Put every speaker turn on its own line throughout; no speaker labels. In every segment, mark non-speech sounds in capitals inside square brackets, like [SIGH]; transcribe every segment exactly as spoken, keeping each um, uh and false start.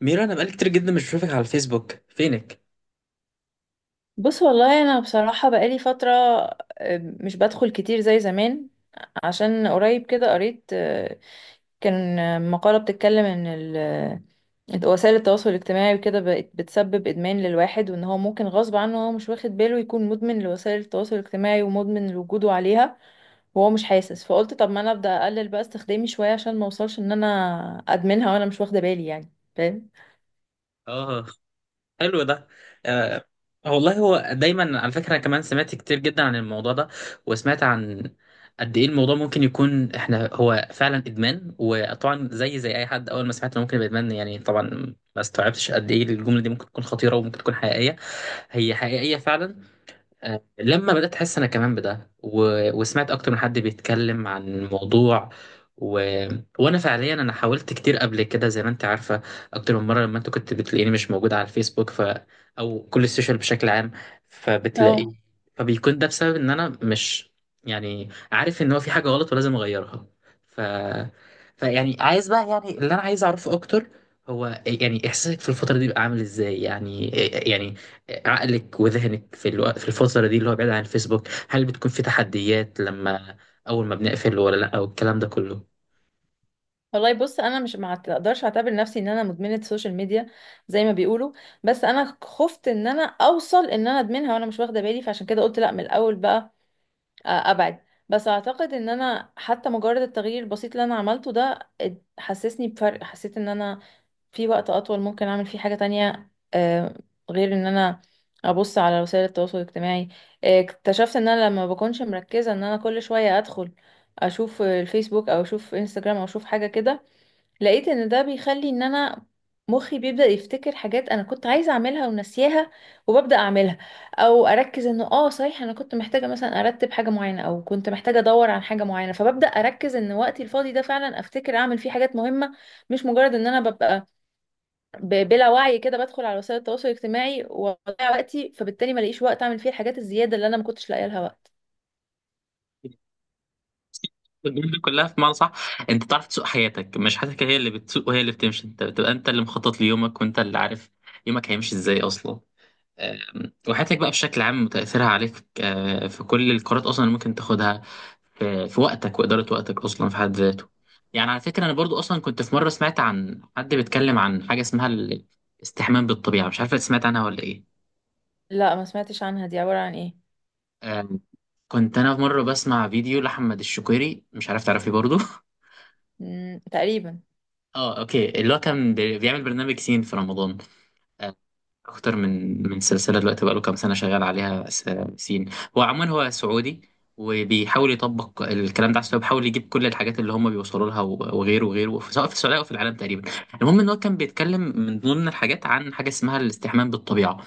ميرو، انا بقالي كتير جدا مش بشوفك على الفيسبوك، فينك؟
بص والله انا بصراحة بقالي فترة. آه، مش بدخل كتير زي زمان عشان قريب كده قريت، آه، كان آه، مقالة بتتكلم ان ال- آه، وسائل التواصل الاجتماعي وكده بقت بتسبب ادمان للواحد، وان هو ممكن غصب عنه هو مش واخد باله يكون مدمن لوسائل التواصل الاجتماعي ومدمن لوجوده عليها وهو مش حاسس. فقلت طب ما انا ابدا اقلل بقى استخدامي شوية عشان ما اوصلش ان انا ادمنها وانا مش واخدة بالي، يعني فاهم.
اه. حلو ده. آه. والله هو دايما على فكره انا كمان سمعت كتير جدا عن الموضوع ده. وسمعت عن قد ايه الموضوع ممكن يكون احنا هو فعلا ادمان. وطبعا زي زي اي حد اول ما سمعت انه ممكن يبقى ادمان يعني طبعا ما استوعبتش قد ايه الجمله دي ممكن تكون خطيره وممكن تكون حقيقيه. هي حقيقيه فعلا. آه، لما بدأت أحس أنا كمان بده و... وسمعت أكتر من حد بيتكلم عن الموضوع و... وأنا فعليا أنا حاولت كتير قبل كده زي ما أنت عارفة، أكتر من مرة لما أنت كنت بتلاقيني مش موجود على الفيسبوك، ف... أو كل السوشيال بشكل عام فبتلاقي.
اه،
فبيكون ده بسبب إن أنا مش يعني عارف إن هو في حاجة غلط ولازم أغيرها. ف... فيعني عايز بقى، يعني اللي أنا عايز أعرفه أكتر هو يعني إحساسك في الفترة دي بقى عامل إزاي، يعني إيه، يعني عقلك وذهنك في الوقت في الفترة دي اللي هو بعيد عن الفيسبوك، هل بتكون في تحديات لما أول ما بنقفل ولا لأ والكلام ده كله؟
والله بص انا مش ما اقدرش اعتبر نفسي ان انا مدمنه سوشيال ميديا زي ما بيقولوا، بس انا خفت ان انا اوصل ان انا ادمنها وانا مش واخده بالي، فعشان كده قلت لا من الاول بقى آه، ابعد. بس اعتقد ان انا حتى مجرد التغيير البسيط اللي انا عملته ده اد- حسسني بفرق. حسيت ان انا في وقت اطول ممكن اعمل فيه حاجه تانية آه، غير ان انا ابص على وسائل التواصل الاجتماعي. آه، اكتشفت ان انا لما بكونش مركزه ان انا كل شويه ادخل اشوف الفيسبوك او اشوف انستجرام او اشوف حاجه كده، لقيت ان ده بيخلي ان انا مخي بيبدأ يفتكر حاجات انا كنت عايزة اعملها ونسيها، وببدأ اعملها. او اركز انه اه صحيح انا كنت محتاجة مثلا ارتب حاجة معينة، او كنت محتاجة ادور عن حاجة معينة، فببدأ اركز ان وقتي الفاضي ده فعلا افتكر اعمل فيه حاجات مهمة، مش مجرد ان انا ببقى ب- بلا وعي كده بدخل على وسائل التواصل الاجتماعي واضيع وقتي، فبالتالي ما لاقيش وقت اعمل فيه الحاجات الزيادة اللي انا ما كنتش لاقيه لها وقت.
الجملة دي كلها في معنى صح. انت تعرف تسوق حياتك، مش حياتك هي اللي بتسوق وهي اللي بتمشي. انت بتبقى انت اللي مخطط ليومك وانت اللي عارف يومك هيمشي ازاي اصلا. أم، وحياتك بقى بشكل عام وتأثيرها عليك، أه، في كل القرارات اصلا اللي ممكن تاخدها في في وقتك وإدارة وقتك أصلا في حد ذاته. يعني على فكرة أنا برضو أصلا كنت في مرة سمعت عن حد بيتكلم عن حاجة اسمها الاستحمام بالطبيعة، مش عارف سمعت عنها ولا إيه.
لا ما سمعتش عنها، دي عبارة عن ايه؟
آم، كنت أنا في مرة بسمع فيديو لأحمد الشقيري، مش عارف تعرفيه برضو. [LAUGHS]
مم، تقريبا.
اه، اوكي، اللي هو كان بي- بيعمل برنامج سين في رمضان. آه، اكتر من من سلسله دلوقتي بقاله كام سنه شغال عليها. س- سين. هو عموما هو سعودي، وبيحاول يطبق الكلام ده على السعوديه، بيحاول يجيب كل الحاجات اللي هم بيوصلوا لها و- وغيره وغيره، ف- سواء في السعوديه او في العالم تقريبا. المهم ان هو كان بيتكلم من ضمن الحاجات عن حاجه اسمها الاستحمام بالطبيعه.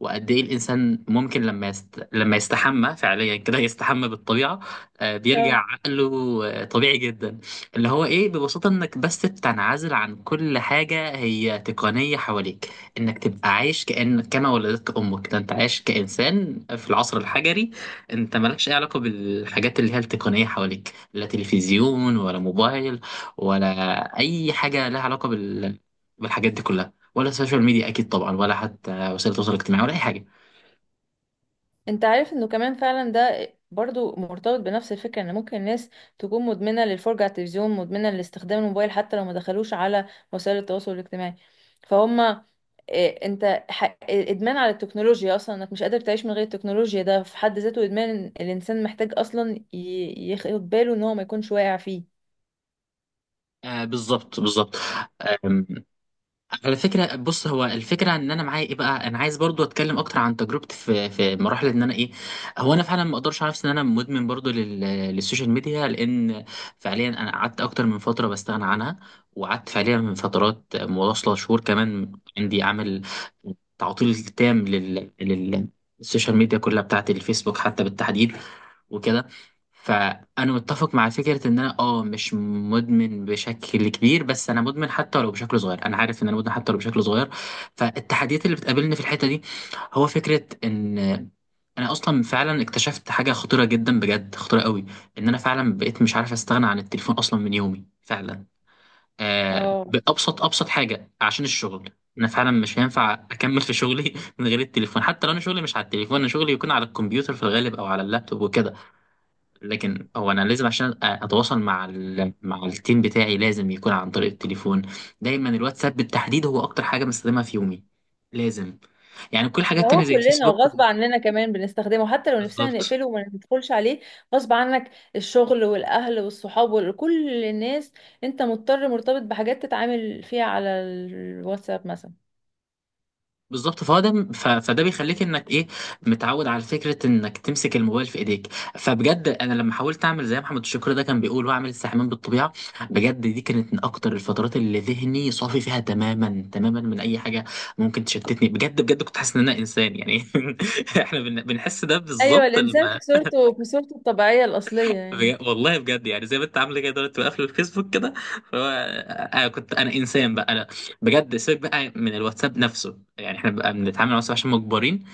وقد ايه الانسان ممكن لما يست... لما يستحمى فعليا كده يستحمى بالطبيعه. آه،
اه،
بيرجع عقله آه، طبيعي جدا. اللي هو ايه ببساطه، انك بس تنعزل عن كل حاجه هي تقنيه حواليك. انك تبقى عايش كأن كما ولدتك امك. ده انت عايش كانسان في العصر الحجري. انت مالكش اي علاقه بالحاجات اللي هي التقنيه حواليك، لا تلفزيون ولا موبايل ولا اي حاجه لها علاقه بال... بالحاجات دي كلها، ولا سوشيال ميديا اكيد طبعا، ولا حتى وسائل التواصل الاجتماعي ولا اي حاجه.
انت عارف انه كمان فعلا ده برضو مرتبط بنفس الفكرة ان ممكن الناس تكون مدمنة للفرجة على التلفزيون، مدمنة لاستخدام الموبايل حتى لو ما دخلوش على وسائل التواصل الاجتماعي. فهم اه، انت ح- ادمان على التكنولوجيا اصلا، انك مش قادر تعيش من غير التكنولوجيا ده في حد ذاته ادمان. الانسان محتاج اصلا ي- ياخد باله ان هو ما يكونش واقع فيه.
آه بالظبط بالظبط. آم، على فكره بص، هو الفكره ان انا معايا ايه بقى. انا عايز برضو اتكلم اكتر عن تجربتي في في مراحل ان انا ايه. هو انا فعلا ما اقدرش على نفسي ان انا مدمن برضو لل- للسوشيال ميديا، لان فعليا انا قعدت اكتر من فتره بستغنى عنها، وقعدت فعليا من فترات متواصله شهور كمان عندي عامل تعطيل تام لل لل السوشيال ميديا كلها بتاعت الفيسبوك حتى بالتحديد وكده. فانا متفق مع فكره ان انا اه مش مدمن بشكل كبير، بس انا مدمن حتى ولو بشكل صغير. انا عارف ان انا مدمن حتى ولو بشكل صغير. فالتحديات اللي بتقابلني في الحته دي هو فكره ان انا اصلا فعلا اكتشفت حاجه خطيره جدا، بجد خطيره قوي. ان انا فعلا بقيت مش عارف استغنى عن التليفون اصلا من يومي فعلا. آه،
اه،
بابسط ابسط حاجه عشان الشغل. انا فعلا مش هينفع اكمل في شغلي [LAUGHS] من غير التليفون. حتى لو انا شغلي مش على التليفون، انا شغلي يكون على الكمبيوتر في الغالب او على اللابتوب وكده، لكن هو انا لازم عشان أ- اتواصل مع ال... مع التيم بتاعي لازم يكون عن طريق التليفون. دايما الواتساب بالتحديد هو اكتر حاجه بستخدمها في يومي لازم. يعني كل الحاجات
ده هو
التانية زي
كلنا
الفيسبوك.
وغصب عننا كمان بنستخدمه حتى لو نفسنا
بالظبط
نقفله وما ندخلش عليه. غصب عنك الشغل والأهل والصحاب وكل الناس، انت مضطر مرتبط بحاجات تتعامل فيها على الواتساب مثلا.
بالظبط. فهو ده، ف... فده بيخليك انك ايه، متعود على فكره انك تمسك الموبايل في ايديك. فبجد انا لما حاولت اعمل زي محمد الشكر ده كان بيقول واعمل استحمام بالطبيعه، بجد دي كانت من اكتر الفترات اللي ذهني صافي فيها تماما تماما من اي حاجه ممكن تشتتني. بجد بجد كنت حاسس ان انا انسان يعني. [LAUGHS] احنا بن... بنحس ده
ايوه،
بالظبط
الانسان
لما
في صورته في صورته الطبيعيه الاصليه يعني.
بج... والله بجد يعني زي ما انت عامله كده دلوقتي بقفل الفيسبوك كده. فهو انا كنت انا انسان بقى انا. بجد سيبك بقى من الواتساب نفسه، يعني احنا بقى بنتعامل مع الواتساب عشان مجبرين،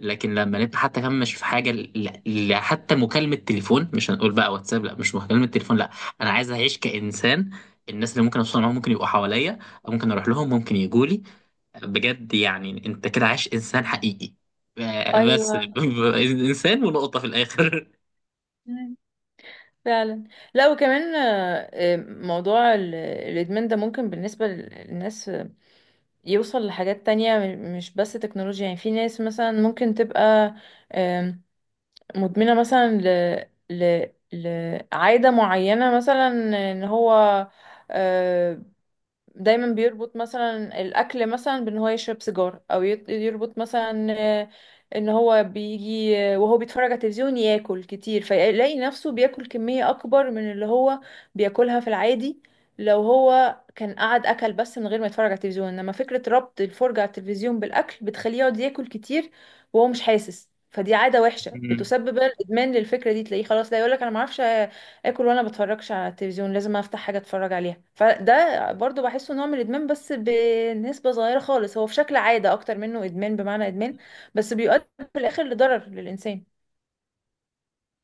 لكن لما نبقى حتى كمان مش في حاجه ل... ل... حتى مكالمه تليفون. مش هنقول بقى واتساب، لا. مش مكالمه تليفون، لا. انا عايز اعيش كانسان. الناس اللي ممكن اوصل معاهم ممكن يبقوا حواليا، أو ممكن اروح لهم ممكن يجوا لي. بجد يعني انت كده عايش انسان حقيقي. آه، بس. [LAUGHS]
ايوه.
انسان ونقطه في الاخر.
مم. فعلا. لا وكمان، آه، آه، موضوع ال- الادمان ده ممكن بالنسبه للناس آه، يوصل لحاجات تانية، م- مش بس تكنولوجيا. يعني في ناس مثلا ممكن تبقى مدمنة مثلا ل... ل... لعادة معينة مثلا، ان هو آه، دايما بيربط مثلا الاكل مثلا بان هو يشرب سيجار، او يت- يربط مثلا آه، ان هو بيجي آه، وهو بيتفرج على التلفزيون ياكل كتير، فيلاقي نفسه بياكل كمية اكبر من اللي هو بياكلها في العادي. لو هو كان قعد اكل بس من غير ما يتفرج على التلفزيون، انما فكرة ربط الفرجة على التلفزيون بالاكل بتخليه يقعد ياكل كتير وهو مش حاسس. فدي عادة وحشة
مم.
بتسبب بقى الادمان للفكرة دي، تلاقيه خلاص لا يقولك انا ما اعرفش اكل وانا بتفرجش على التلفزيون، لازم افتح حاجه اتفرج عليها. فده برضو بحسه نوع من الادمان بس بنسبه صغيره خالص، هو في شكل عاده اكتر منه ادمان بمعنى ادمان، بس بيؤدي في الاخر لضرر للانسان.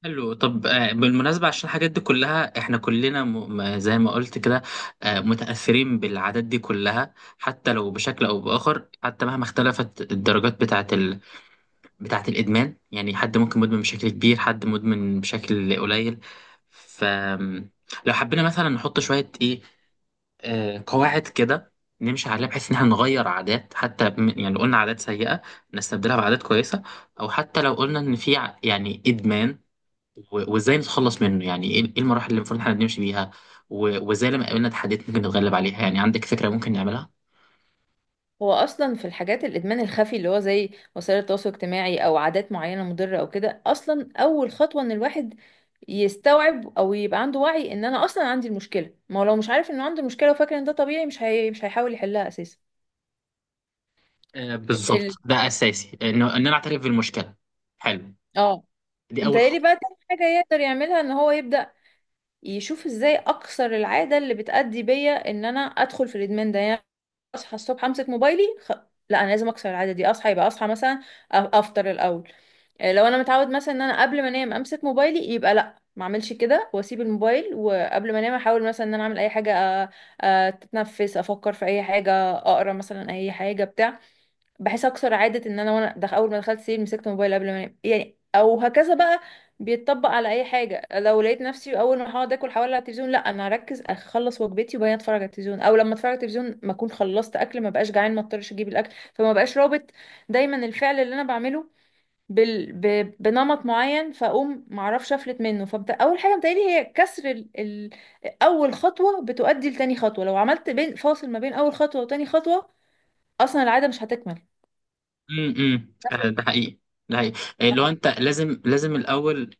حلو، طب آه، بالمناسبة عشان الحاجات دي كلها احنا كلنا م... م- زي ما قلت كده، آه، متأثرين بالعادات دي كلها حتى لو بشكل أو بآخر، حتى مهما اختلفت الدرجات بتاعة بتاعة الإدمان. يعني حد ممكن مدمن بشكل كبير، حد مدمن بشكل قليل. ف لو حبينا مثلا نحط شوية إيه، آه، قواعد كده نمشي عليها بحيث إن احنا نغير عادات، حتى بم- يعني لو قلنا عادات سيئة نستبدلها بعادات كويسة. أو حتى لو قلنا إن في ع- يعني إدمان، و- وإزاي نتخلص منه، يعني إيه إيه المراحل اللي المفروض إحنا نمشي بيها. و- وإزاي لما قابلنا تحديات ممكن نتغلب عليها، يعني عندك فكرة ممكن نعملها؟
هو اصلا في الحاجات الادمان الخفي اللي هو زي وسائل التواصل الاجتماعي او عادات معينه مضره او كده، اصلا اول خطوه ان الواحد يستوعب او يبقى عنده وعي ان انا اصلا عندي المشكله. ما هو لو مش عارف انه عنده مشكله وفاكر ان ده طبيعي، مش هي... مش هيحاول يحلها اساسا.
آه
ال...
بالظبط، ده أساسي إنه إن أنا أعترف بالمشكلة. حلو.
اه،
دي أول
متهيألي
خطوة.
بقى تاني حاجة يقدر يعملها ان هو يبدأ يشوف ازاي اكسر العاده اللي بتأدي بيا ان انا ادخل في الادمان ده. يعني اصحى الصبح امسك موبايلي خ... لا انا لازم اكسر العاده دي. اصحى يبقى اصحى مثلا أ- افطر الاول. آه، لو انا متعود مثلا ان انا قبل ما انام امسك موبايلي، يبقى لا ما اعملش كده واسيب الموبايل، وقبل ما انام احاول مثلا ان انا اعمل اي حاجه أ- أ- اتنفس، افكر في اي حاجه، اقرا مثلا اي حاجه بتاع، بحيث اكسر عاده ان انا وانا دخ... اول ما دخلت سرير مسكت موبايل قبل ما انام يعني. او هكذا بقى بيتطبق على اي حاجه، لو لقيت نفسي اول ما هقعد اكل حوالي على التلفزيون، لا انا هركز اخلص وجبتي وبعدين اتفرج على التلفزيون. او لما اتفرج على التلفزيون ما اكون خلصت اكل، ما بقاش جعان، ما اضطرش اجيب الاكل، فما بقاش رابط دايما الفعل اللي انا بعمله بال... ب... بنمط معين فاقوم ما اعرفش افلت منه. فبت... اول حاجه بتقالي هي كسر ال... ال... اول خطوه بتؤدي لتاني خطوه. لو عملت بين فاصل ما بين اول خطوه وتاني خطوه، اصلا العاده مش هتكمل.
امم امم. آه، ده حقيقي. ده حقيقي إيه، لو انت لازم لازم الاول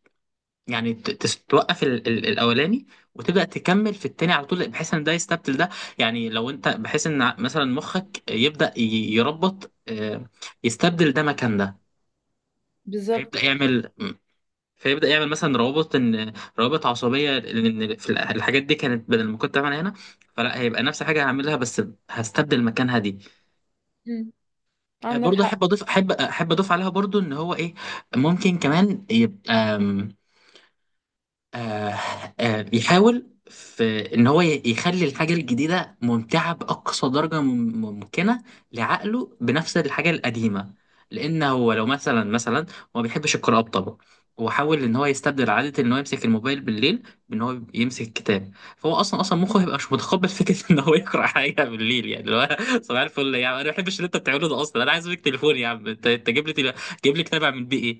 يعني ت- تس- توقف ال- ال- الاولاني وتبدا تكمل في التاني على طول بحيث ان ده يستبدل ده. يعني لو انت بحيث ان ع- مثلا مخك يبدا ي- يربط، آه، يستبدل ده مكان ده. فيبدا
بالظبط.
يعمل مم. فيبدا يعمل مثلا روابط ان روابط عصبيه لان في ال- الحاجات دي كانت بدل ما كنت بعملها هنا، فلا هيبقى نفس حاجه هعملها بس هستبدل مكانها دي.
مم، عندك
برضه احب
حق.
اضيف، احب احب اضيف عليها برضه ان هو ايه، ممكن كمان يبقى آم، آه آه بيحاول في ان هو ي- يخلي الحاجه الجديده ممتعه باقصى درجه مم- ممكنه لعقله بنفس الحاجه القديمه. لان هو لو مثلا مثلا هو ما بيحبش القراءه بطبعه. هو حاول ان هو يستبدل عاده ان هو يمسك الموبايل بالليل بان هو يمسك الكتاب. فهو اصلا اصلا
مم،
مخه هيبقى مش متقبل فكره [LAUGHS] ان هو يقرا حاجه بالليل، يعني اللي هو صباح الفل يا عم انا ما بحبش اللي انت بتعمله ده اصلا. انا عايز منك تليفون يا عم، انت انت جيب لي تل- جيب لي كتاب اعمل بيه ايه.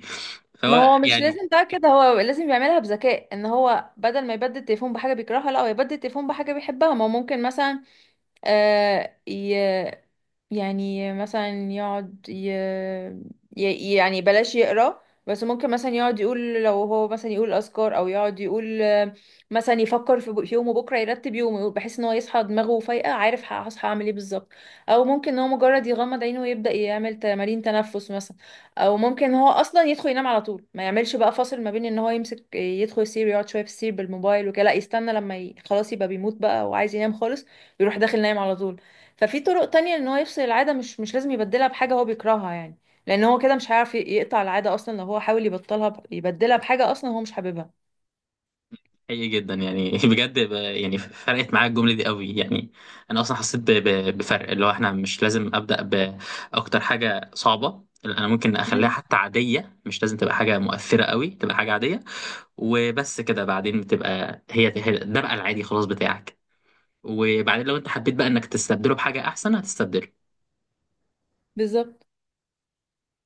ما
فهو
هو مش
يعني.
لازم بقى كده، هو لازم يعملها بذكاء ان هو بدل ما يبدل التليفون بحاجه بيكرهها، لا هو يبدل التليفون بحاجه بيحبها. ما هو ممكن مثلا آه ي... يعني مثلا يقعد ي... ي... يعني بلاش يقرا، بس ممكن مثلا يقعد يقول لو هو مثلا يقول اذكار، او يقعد يقول آه، مثلا يفكر في ب- في يومه بكره، يرتب يومه بحيث ان هو يصحى دماغه فايقه عارف ه- هصحى اعمل ايه بالظبط. او ممكن ان هو مجرد يغمض عينه ويبدا يعمل تمارين تنفس مثلا. او ممكن إن هو اصلا يدخل ينام على طول، ما يعملش بقى فاصل ما بين ان هو يمسك يدخل يسير يقعد شويه في السرير بالموبايل وكده، لا يستنى لما ي... خلاص يبقى بيموت بقى وعايز ينام خالص يروح داخل نايم على طول. ففي طرق تانية ان هو يفصل العادة، مش مش لازم يبدلها بحاجة هو بيكرهها يعني، لان هو كده مش هيعرف ي- يقطع العادة اصلا. لو هو حاول يبطلها ب... يبدلها بحاجة اصلا هو مش حاببها.
حقيقي جدا يعني. [LAUGHS] بجد ب- يعني فرقت معايا الجمله دي قوي يعني. انا اصلا حسيت ب- ب- بفرق، اللي هو احنا مش لازم ابدا باكتر حاجه صعبه. لأ، انا ممكن اخليها
امم،
حتى عاديه، مش لازم تبقى حاجه مؤثره قوي، تبقى حاجه عاديه. وبس كده بعدين بتبقى هي هي- ده بقى العادي خلاص بتاعك. وبعدين لو انت حبيت بقى انك تستبدله بحاجه احسن هتستبدله.
بالظبط.